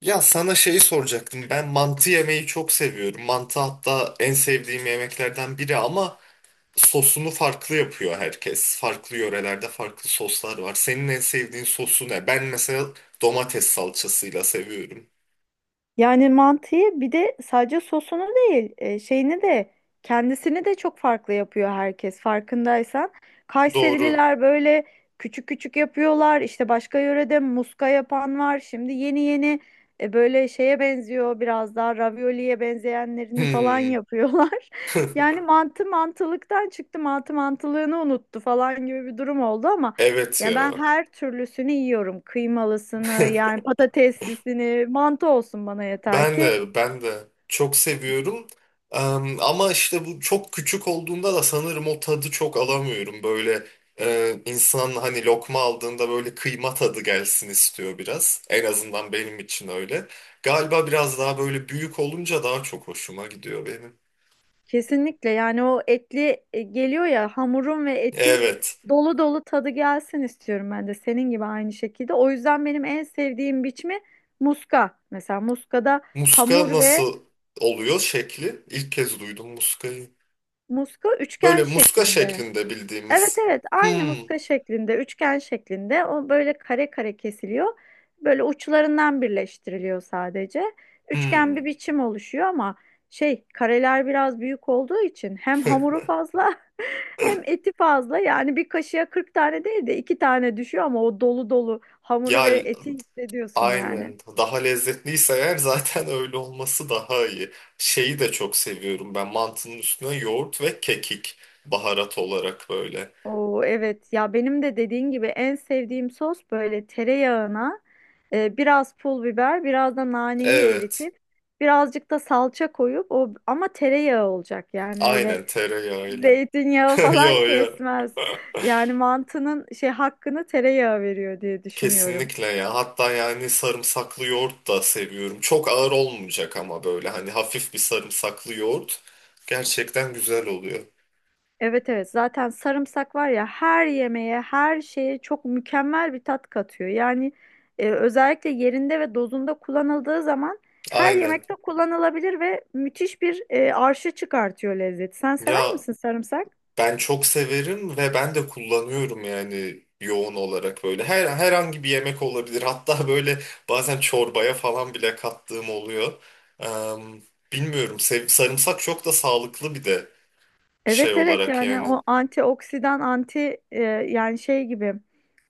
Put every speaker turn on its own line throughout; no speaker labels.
Ya sana şeyi soracaktım. Ben mantı yemeyi çok seviyorum. Mantı hatta en sevdiğim yemeklerden biri ama sosunu farklı yapıyor herkes. Farklı yörelerde farklı soslar var. Senin en sevdiğin sosu ne? Ben mesela domates salçasıyla seviyorum.
Yani mantıyı bir de sadece sosunu değil, şeyini de kendisini de çok farklı yapıyor herkes farkındaysan.
Doğru.
Kayserililer böyle küçük küçük yapıyorlar. İşte başka yörede muska yapan var. Şimdi yeni yeni böyle şeye benziyor biraz daha ravioliye benzeyenlerini falan
Hmm,
yapıyorlar. Yani mantı mantılıktan çıktı, mantı mantılığını unuttu falan gibi bir durum oldu ama
evet
ya ben
ya.
her türlüsünü yiyorum. Kıymalısını, yani patateslisini, mantı olsun bana yeter
Ben
ki.
de ben de çok seviyorum. Ama işte bu çok küçük olduğunda da sanırım o tadı çok alamıyorum. Böyle insan hani lokma aldığında böyle kıyma tadı gelsin istiyor biraz. En azından benim için öyle. Galiba biraz daha böyle büyük olunca daha çok hoşuma gidiyor benim.
Kesinlikle yani o etli geliyor ya hamurun ve etin
Evet.
dolu dolu tadı gelsin istiyorum ben de senin gibi aynı şekilde. O yüzden benim en sevdiğim biçimi muska. Mesela muskada
Muska
hamur ve
nasıl oluyor şekli? İlk kez duydum muskayı.
muska üçgen
Böyle muska
şeklinde.
şeklinde
Evet
bildiğimiz.
evet aynı
Hmm,
muska şeklinde, üçgen şeklinde o böyle kare kare kesiliyor. Böyle uçlarından birleştiriliyor sadece. Üçgen bir
hmm.
biçim oluşuyor ama şey kareler biraz büyük olduğu için hem hamuru fazla hem eti fazla. Yani bir kaşığa 40 tane değil de 2 tane düşüyor ama o dolu dolu hamuru
Ya
ve eti hissediyorsun yani.
aynen. Daha lezzetliyse eğer zaten öyle olması daha iyi. Şeyi de çok seviyorum ben. Mantının üstüne yoğurt ve kekik baharat olarak böyle.
Oo, evet ya benim de dediğin gibi en sevdiğim sos böyle tereyağına biraz pul biber biraz da naneyi
Evet.
eritip birazcık da salça koyup o ama tereyağı olacak yani öyle
Aynen tereyağıyla.
zeytinyağı falan
Yo yo.
kesmez. Yani mantının şey hakkını tereyağı veriyor diye düşünüyorum.
Kesinlikle ya. Hatta yani sarımsaklı yoğurt da seviyorum. Çok ağır olmayacak ama böyle hani hafif bir sarımsaklı yoğurt gerçekten güzel oluyor.
Evet evet zaten sarımsak var ya her yemeğe her şeye çok mükemmel bir tat katıyor. Yani özellikle yerinde ve dozunda kullanıldığı zaman her
Aynen.
yemekte kullanılabilir ve müthiş bir arşı çıkartıyor lezzeti. Sen sever
Ya
misin sarımsak?
ben çok severim ve ben de kullanıyorum yani yoğun olarak böyle. Herhangi bir yemek olabilir. Hatta böyle bazen çorbaya falan bile kattığım oluyor. Em, bilmiyorum. Sarımsak çok da sağlıklı bir de şey
Evet evet
olarak
yani
yani.
o antioksidan anti yani şey gibi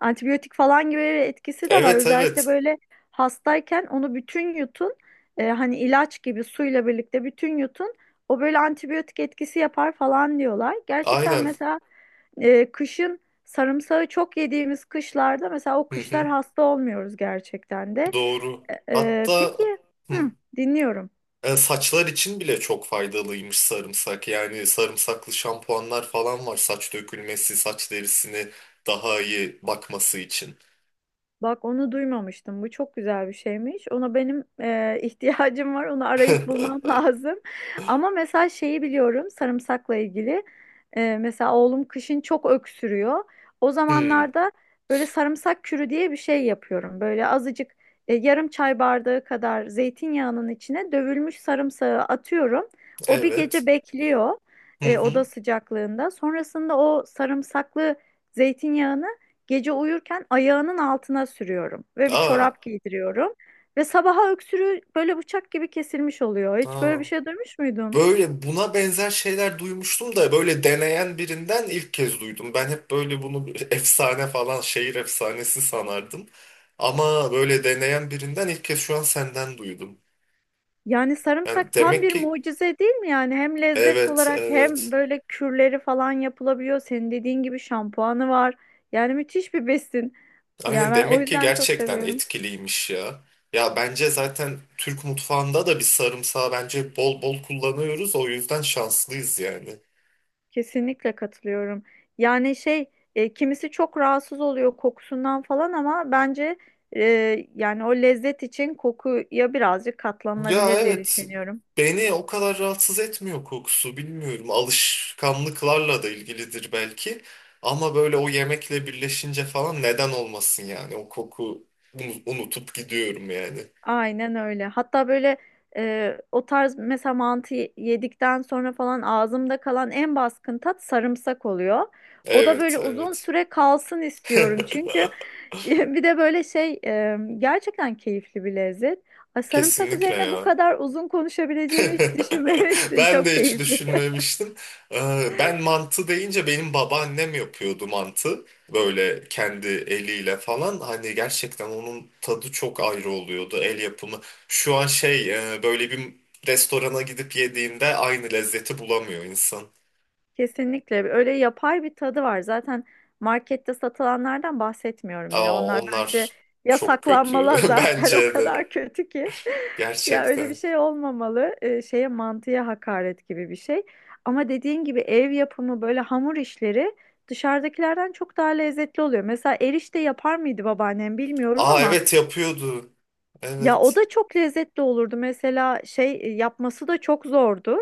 antibiyotik falan gibi bir etkisi de var.
Evet
Özellikle
evet.
böyle hastayken onu bütün yutun hani ilaç gibi suyla birlikte bütün yutun o böyle antibiyotik etkisi yapar falan diyorlar. Gerçekten
Aynen.
mesela kışın sarımsağı çok yediğimiz kışlarda mesela o
Hı hı,
kışlar hasta olmuyoruz gerçekten de.
doğru. Hatta
Peki
hı,
hı, dinliyorum.
saçlar için bile çok faydalıymış sarımsak. Yani sarımsaklı şampuanlar falan var saç dökülmesi, saç derisini daha iyi bakması için.
Bak onu duymamıştım. Bu çok güzel bir şeymiş. Ona benim ihtiyacım var. Onu arayıp bulmam lazım. Ama mesela şeyi biliyorum sarımsakla ilgili. E, mesela oğlum kışın çok öksürüyor. O
Hmm,
zamanlarda böyle sarımsak kürü diye bir şey yapıyorum. Böyle azıcık yarım çay bardağı kadar zeytinyağının içine dövülmüş sarımsağı atıyorum. O bir
evet.
gece bekliyor
Hı hı.
oda sıcaklığında. Sonrasında o sarımsaklı zeytinyağını gece uyurken ayağının altına sürüyorum ve bir
Aa,
çorap giydiriyorum. Ve sabaha öksürüğü böyle bıçak gibi kesilmiş oluyor. Hiç
aa.
böyle bir şey duymuş muydun?
Böyle buna benzer şeyler duymuştum da böyle deneyen birinden ilk kez duydum. Ben hep böyle bunu bir efsane falan şehir efsanesi sanardım. Ama böyle deneyen birinden ilk kez şu an senden duydum.
Yani
Yani
sarımsak tam
demek
bir
ki
mucize değil mi yani? Hem lezzet
evet
olarak hem
evet.
böyle kürleri falan yapılabiliyor. Senin dediğin gibi şampuanı var. Yani müthiş bir besin. Yani
Aynen
ben o
demek ki
yüzden çok
gerçekten
seviyorum.
etkiliymiş ya. Ya bence zaten Türk mutfağında da bir sarımsağı bence bol bol kullanıyoruz. O yüzden şanslıyız yani.
Kesinlikle katılıyorum. Yani şey kimisi çok rahatsız oluyor kokusundan falan ama bence yani o lezzet için kokuya birazcık
Ya
katlanılabilir diye
evet,
düşünüyorum.
beni o kadar rahatsız etmiyor kokusu, bilmiyorum alışkanlıklarla da ilgilidir belki ama böyle o yemekle birleşince falan neden olmasın yani o koku, unutup gidiyorum yani.
Aynen öyle. Hatta böyle o tarz mesela mantı yedikten sonra falan ağzımda kalan en baskın tat sarımsak oluyor. O da
Evet
böyle uzun
evet.
süre kalsın istiyorum çünkü bir de böyle şey gerçekten keyifli bir lezzet. Ay, sarımsak
Kesinlikle
üzerine bu
ya.
kadar uzun konuşabileceğimi hiç düşünmemiştim.
Ben
Çok
de hiç
keyifli.
düşünmemiştim. Ben mantı deyince benim babaannem yapıyordu mantı. Böyle kendi eliyle falan. Hani gerçekten onun tadı çok ayrı oluyordu el yapımı. Şu an şey böyle bir restorana gidip yediğinde aynı lezzeti bulamıyor insan.
Kesinlikle öyle yapay bir tadı var. Zaten markette satılanlardan bahsetmiyorum bile.
Aa,
Onlar bence
onlar çok kötü
yasaklanmalı zaten o
bence de
kadar kötü ki. Ya öyle bir
gerçekten.
şey olmamalı. Şeye mantıya hakaret gibi bir şey. Ama dediğin gibi ev yapımı böyle hamur işleri dışarıdakilerden çok daha lezzetli oluyor. Mesela erişte yapar mıydı babaannem bilmiyorum
Aa
ama
evet yapıyordu.
ya o
Evet.
da çok lezzetli olurdu. Mesela şey yapması da çok zordu.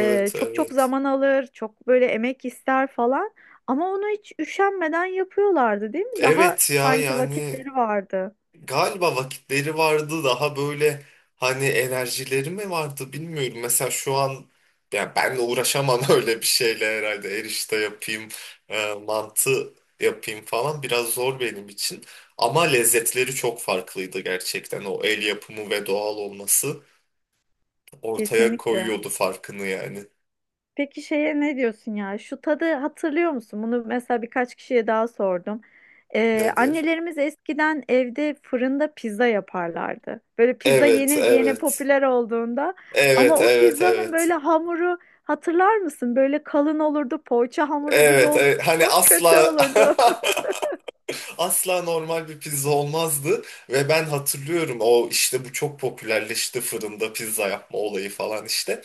Çok çok
evet.
zaman alır, çok böyle emek ister falan. Ama onu hiç üşenmeden yapıyorlardı, değil mi? Daha
Evet ya
sanki
yani
vakitleri vardı.
galiba vakitleri vardı daha böyle hani enerjileri mi vardı bilmiyorum. Mesela şu an ya ben de uğraşamam öyle bir şeyle herhalde erişte yapayım, mantı yapayım falan biraz zor benim için. Ama lezzetleri çok farklıydı gerçekten. O el yapımı ve doğal olması ortaya
Kesinlikle.
koyuyordu farkını yani.
Peki şeye ne diyorsun ya? Şu tadı hatırlıyor musun? Bunu mesela birkaç kişiye daha sordum.
Nedir?
Annelerimiz eskiden evde fırında pizza yaparlardı. Böyle pizza
Evet,
yeni yeni
evet.
popüler olduğunda. Ama
Evet,
o
evet,
pizzanın böyle
evet.
hamuru hatırlar mısın? Böyle kalın olurdu, poğaça hamuru gibi
Evet,
olurdu.
evet. Hani
Çok kötü
asla
olurdu.
asla normal bir pizza olmazdı. Ve ben hatırlıyorum o işte bu çok popülerleşti fırında pizza yapma olayı falan işte.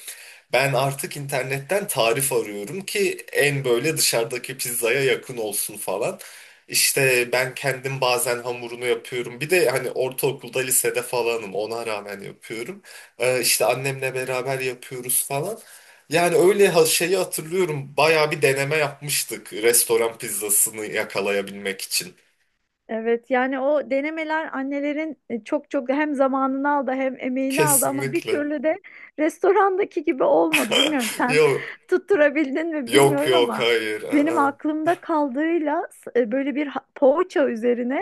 Ben artık internetten tarif arıyorum ki en böyle dışarıdaki pizzaya yakın olsun falan. İşte ben kendim bazen hamurunu yapıyorum. Bir de hani ortaokulda, lisede falanım. Ona rağmen yapıyorum. İşte annemle beraber yapıyoruz falan. Yani öyle şeyi hatırlıyorum. Bayağı bir deneme yapmıştık restoran pizzasını yakalayabilmek için.
Evet yani o denemeler annelerin çok çok hem zamanını aldı hem emeğini aldı ama bir
Kesinlikle.
türlü de restorandaki gibi olmadı. Bilmiyorum sen
Yok.
tutturabildin mi
Yok
bilmiyorum
yok
ama
hayır.
benim
Aa.
aklımda kaldığıyla böyle bir poğaça üzerine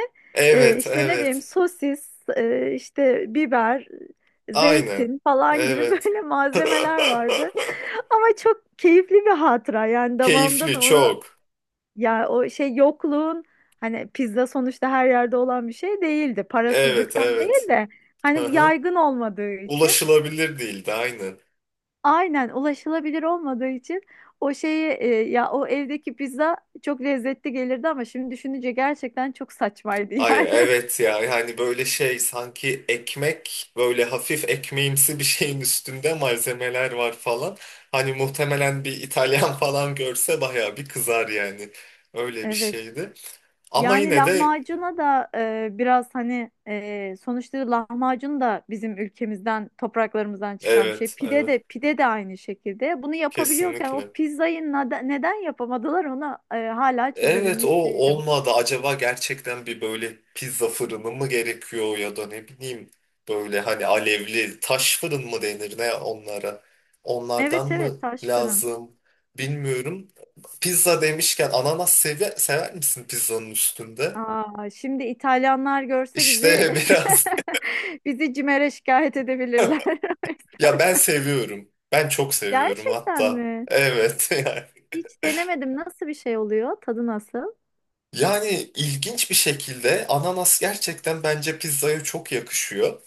Evet
işte ne bileyim
evet.
sosis, işte biber,
Aynen.
zeytin falan gibi
Evet.
böyle malzemeler vardı. Ama çok keyifli bir hatıra yani damağımda
Keyifli
da onu
çok.
ya o şey yokluğun hani pizza sonuçta her yerde olan bir şey değildi.
Evet
Parasızlıktan değil
evet.
de hani
Aha.
yaygın olmadığı için
Ulaşılabilir değildi aynen.
aynen ulaşılabilir olmadığı için o şeyi ya o evdeki pizza çok lezzetli gelirdi ama şimdi düşününce gerçekten çok saçmaydı
Ay
yani.
evet ya yani böyle şey sanki ekmek böyle hafif ekmeğimsi bir şeyin üstünde malzemeler var falan. Hani muhtemelen bir İtalyan falan görse bayağı bir kızar yani. Öyle bir
Evet.
şeydi. Ama
Yani
yine de
lahmacuna da biraz hani sonuçta lahmacun da bizim ülkemizden, topraklarımızdan çıkan bir şey.
evet,
Pide
evet.
de pide de aynı şekilde. Bunu yapabiliyorken o
Kesinlikle.
pizzayı neden yapamadılar onu hala
Evet, o
çözebilmiş değilim.
olmadı. Acaba gerçekten bir böyle pizza fırını mı gerekiyor ya da ne bileyim böyle hani alevli taş fırın mı denir ne onlara? Onlardan
Evet evet
mı
taş fırın.
lazım? Bilmiyorum. Pizza demişken ananas sever misin pizzanın üstünde?
Aa, şimdi İtalyanlar görse bizi
İşte biraz.
bizi CİMER'e şikayet edebilirler.
Ya ben seviyorum. Ben çok seviyorum
Gerçekten
hatta.
mi?
Evet.
Hiç denemedim. Nasıl bir şey oluyor? Tadı nasıl?
Yani ilginç bir şekilde ananas gerçekten bence pizzaya çok yakışıyor.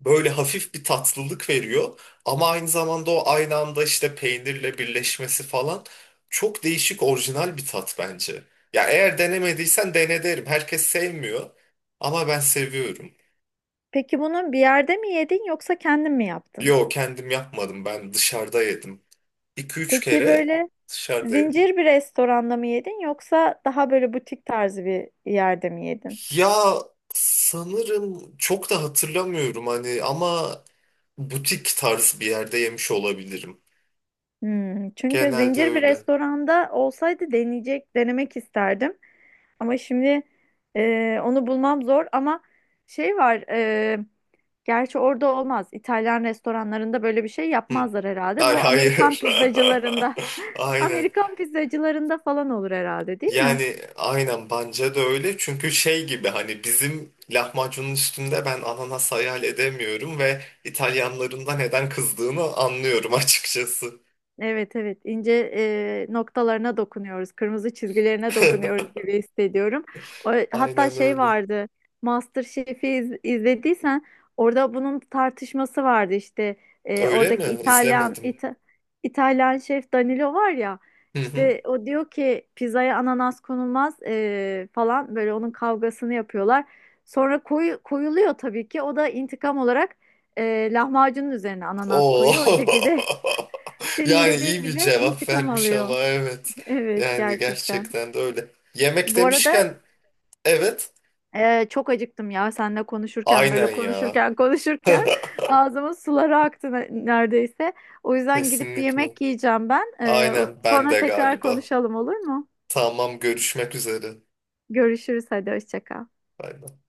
Böyle hafif bir tatlılık veriyor ama aynı zamanda o aynı anda işte peynirle birleşmesi falan çok değişik orijinal bir tat bence. Ya eğer denemediysen dene derim. Herkes sevmiyor ama ben seviyorum.
Peki bunu bir yerde mi yedin yoksa kendin mi yaptın?
Yo kendim yapmadım ben dışarıda yedim. 2 üç
Peki
kere
böyle
dışarıda yedim.
zincir bir restoranda mı yedin yoksa daha böyle butik tarzı bir yerde mi yedin?
Ya sanırım çok da hatırlamıyorum hani ama butik tarz bir yerde yemiş olabilirim.
Hmm, çünkü
Genelde
zincir bir
öyle.
restoranda olsaydı deneyecek, denemek isterdim. Ama şimdi onu bulmam zor ama şey var gerçi orada olmaz. İtalyan restoranlarında böyle bir şey
Hı.
yapmazlar herhalde.
Ay
Bu Amerikan
hayır.
pizzacılarında
Aynen.
Amerikan pizzacılarında falan olur herhalde değil mi?
Yani aynen bence de öyle. Çünkü şey gibi hani bizim lahmacunun üstünde ben ananas hayal edemiyorum ve İtalyanların da neden kızdığını anlıyorum açıkçası.
Evet evet ince noktalarına dokunuyoruz, kırmızı çizgilerine dokunuyoruz gibi hissediyorum. O, hatta
Aynen
şey
öyle.
vardı, izlediysen orada bunun tartışması vardı işte
Öyle
oradaki
mi? İzlemedim.
İtalyan şef Danilo var ya
Hı hı.
işte o diyor ki pizzaya ananas konulmaz falan böyle onun kavgasını yapıyorlar. Sonra koyuluyor tabii ki o da intikam olarak lahmacunun üzerine ananas
Oo.
koyuyor o şekilde. Senin
Yani
dediğin
iyi bir
gibi
cevap
intikam
vermiş ama
alıyor.
evet.
Evet
Yani
gerçekten.
gerçekten de öyle. Yemek
Bu arada
demişken evet.
çok acıktım ya seninle konuşurken
Aynen
böyle
ya.
konuşurken konuşurken ağzımın suları aktı neredeyse. O yüzden gidip bir
Kesinlikle.
yemek yiyeceğim ben.
Aynen ben
Sonra
de
tekrar
galiba.
konuşalım olur mu?
Tamam görüşmek üzere.
Görüşürüz hadi hoşça kal.
Bay bay.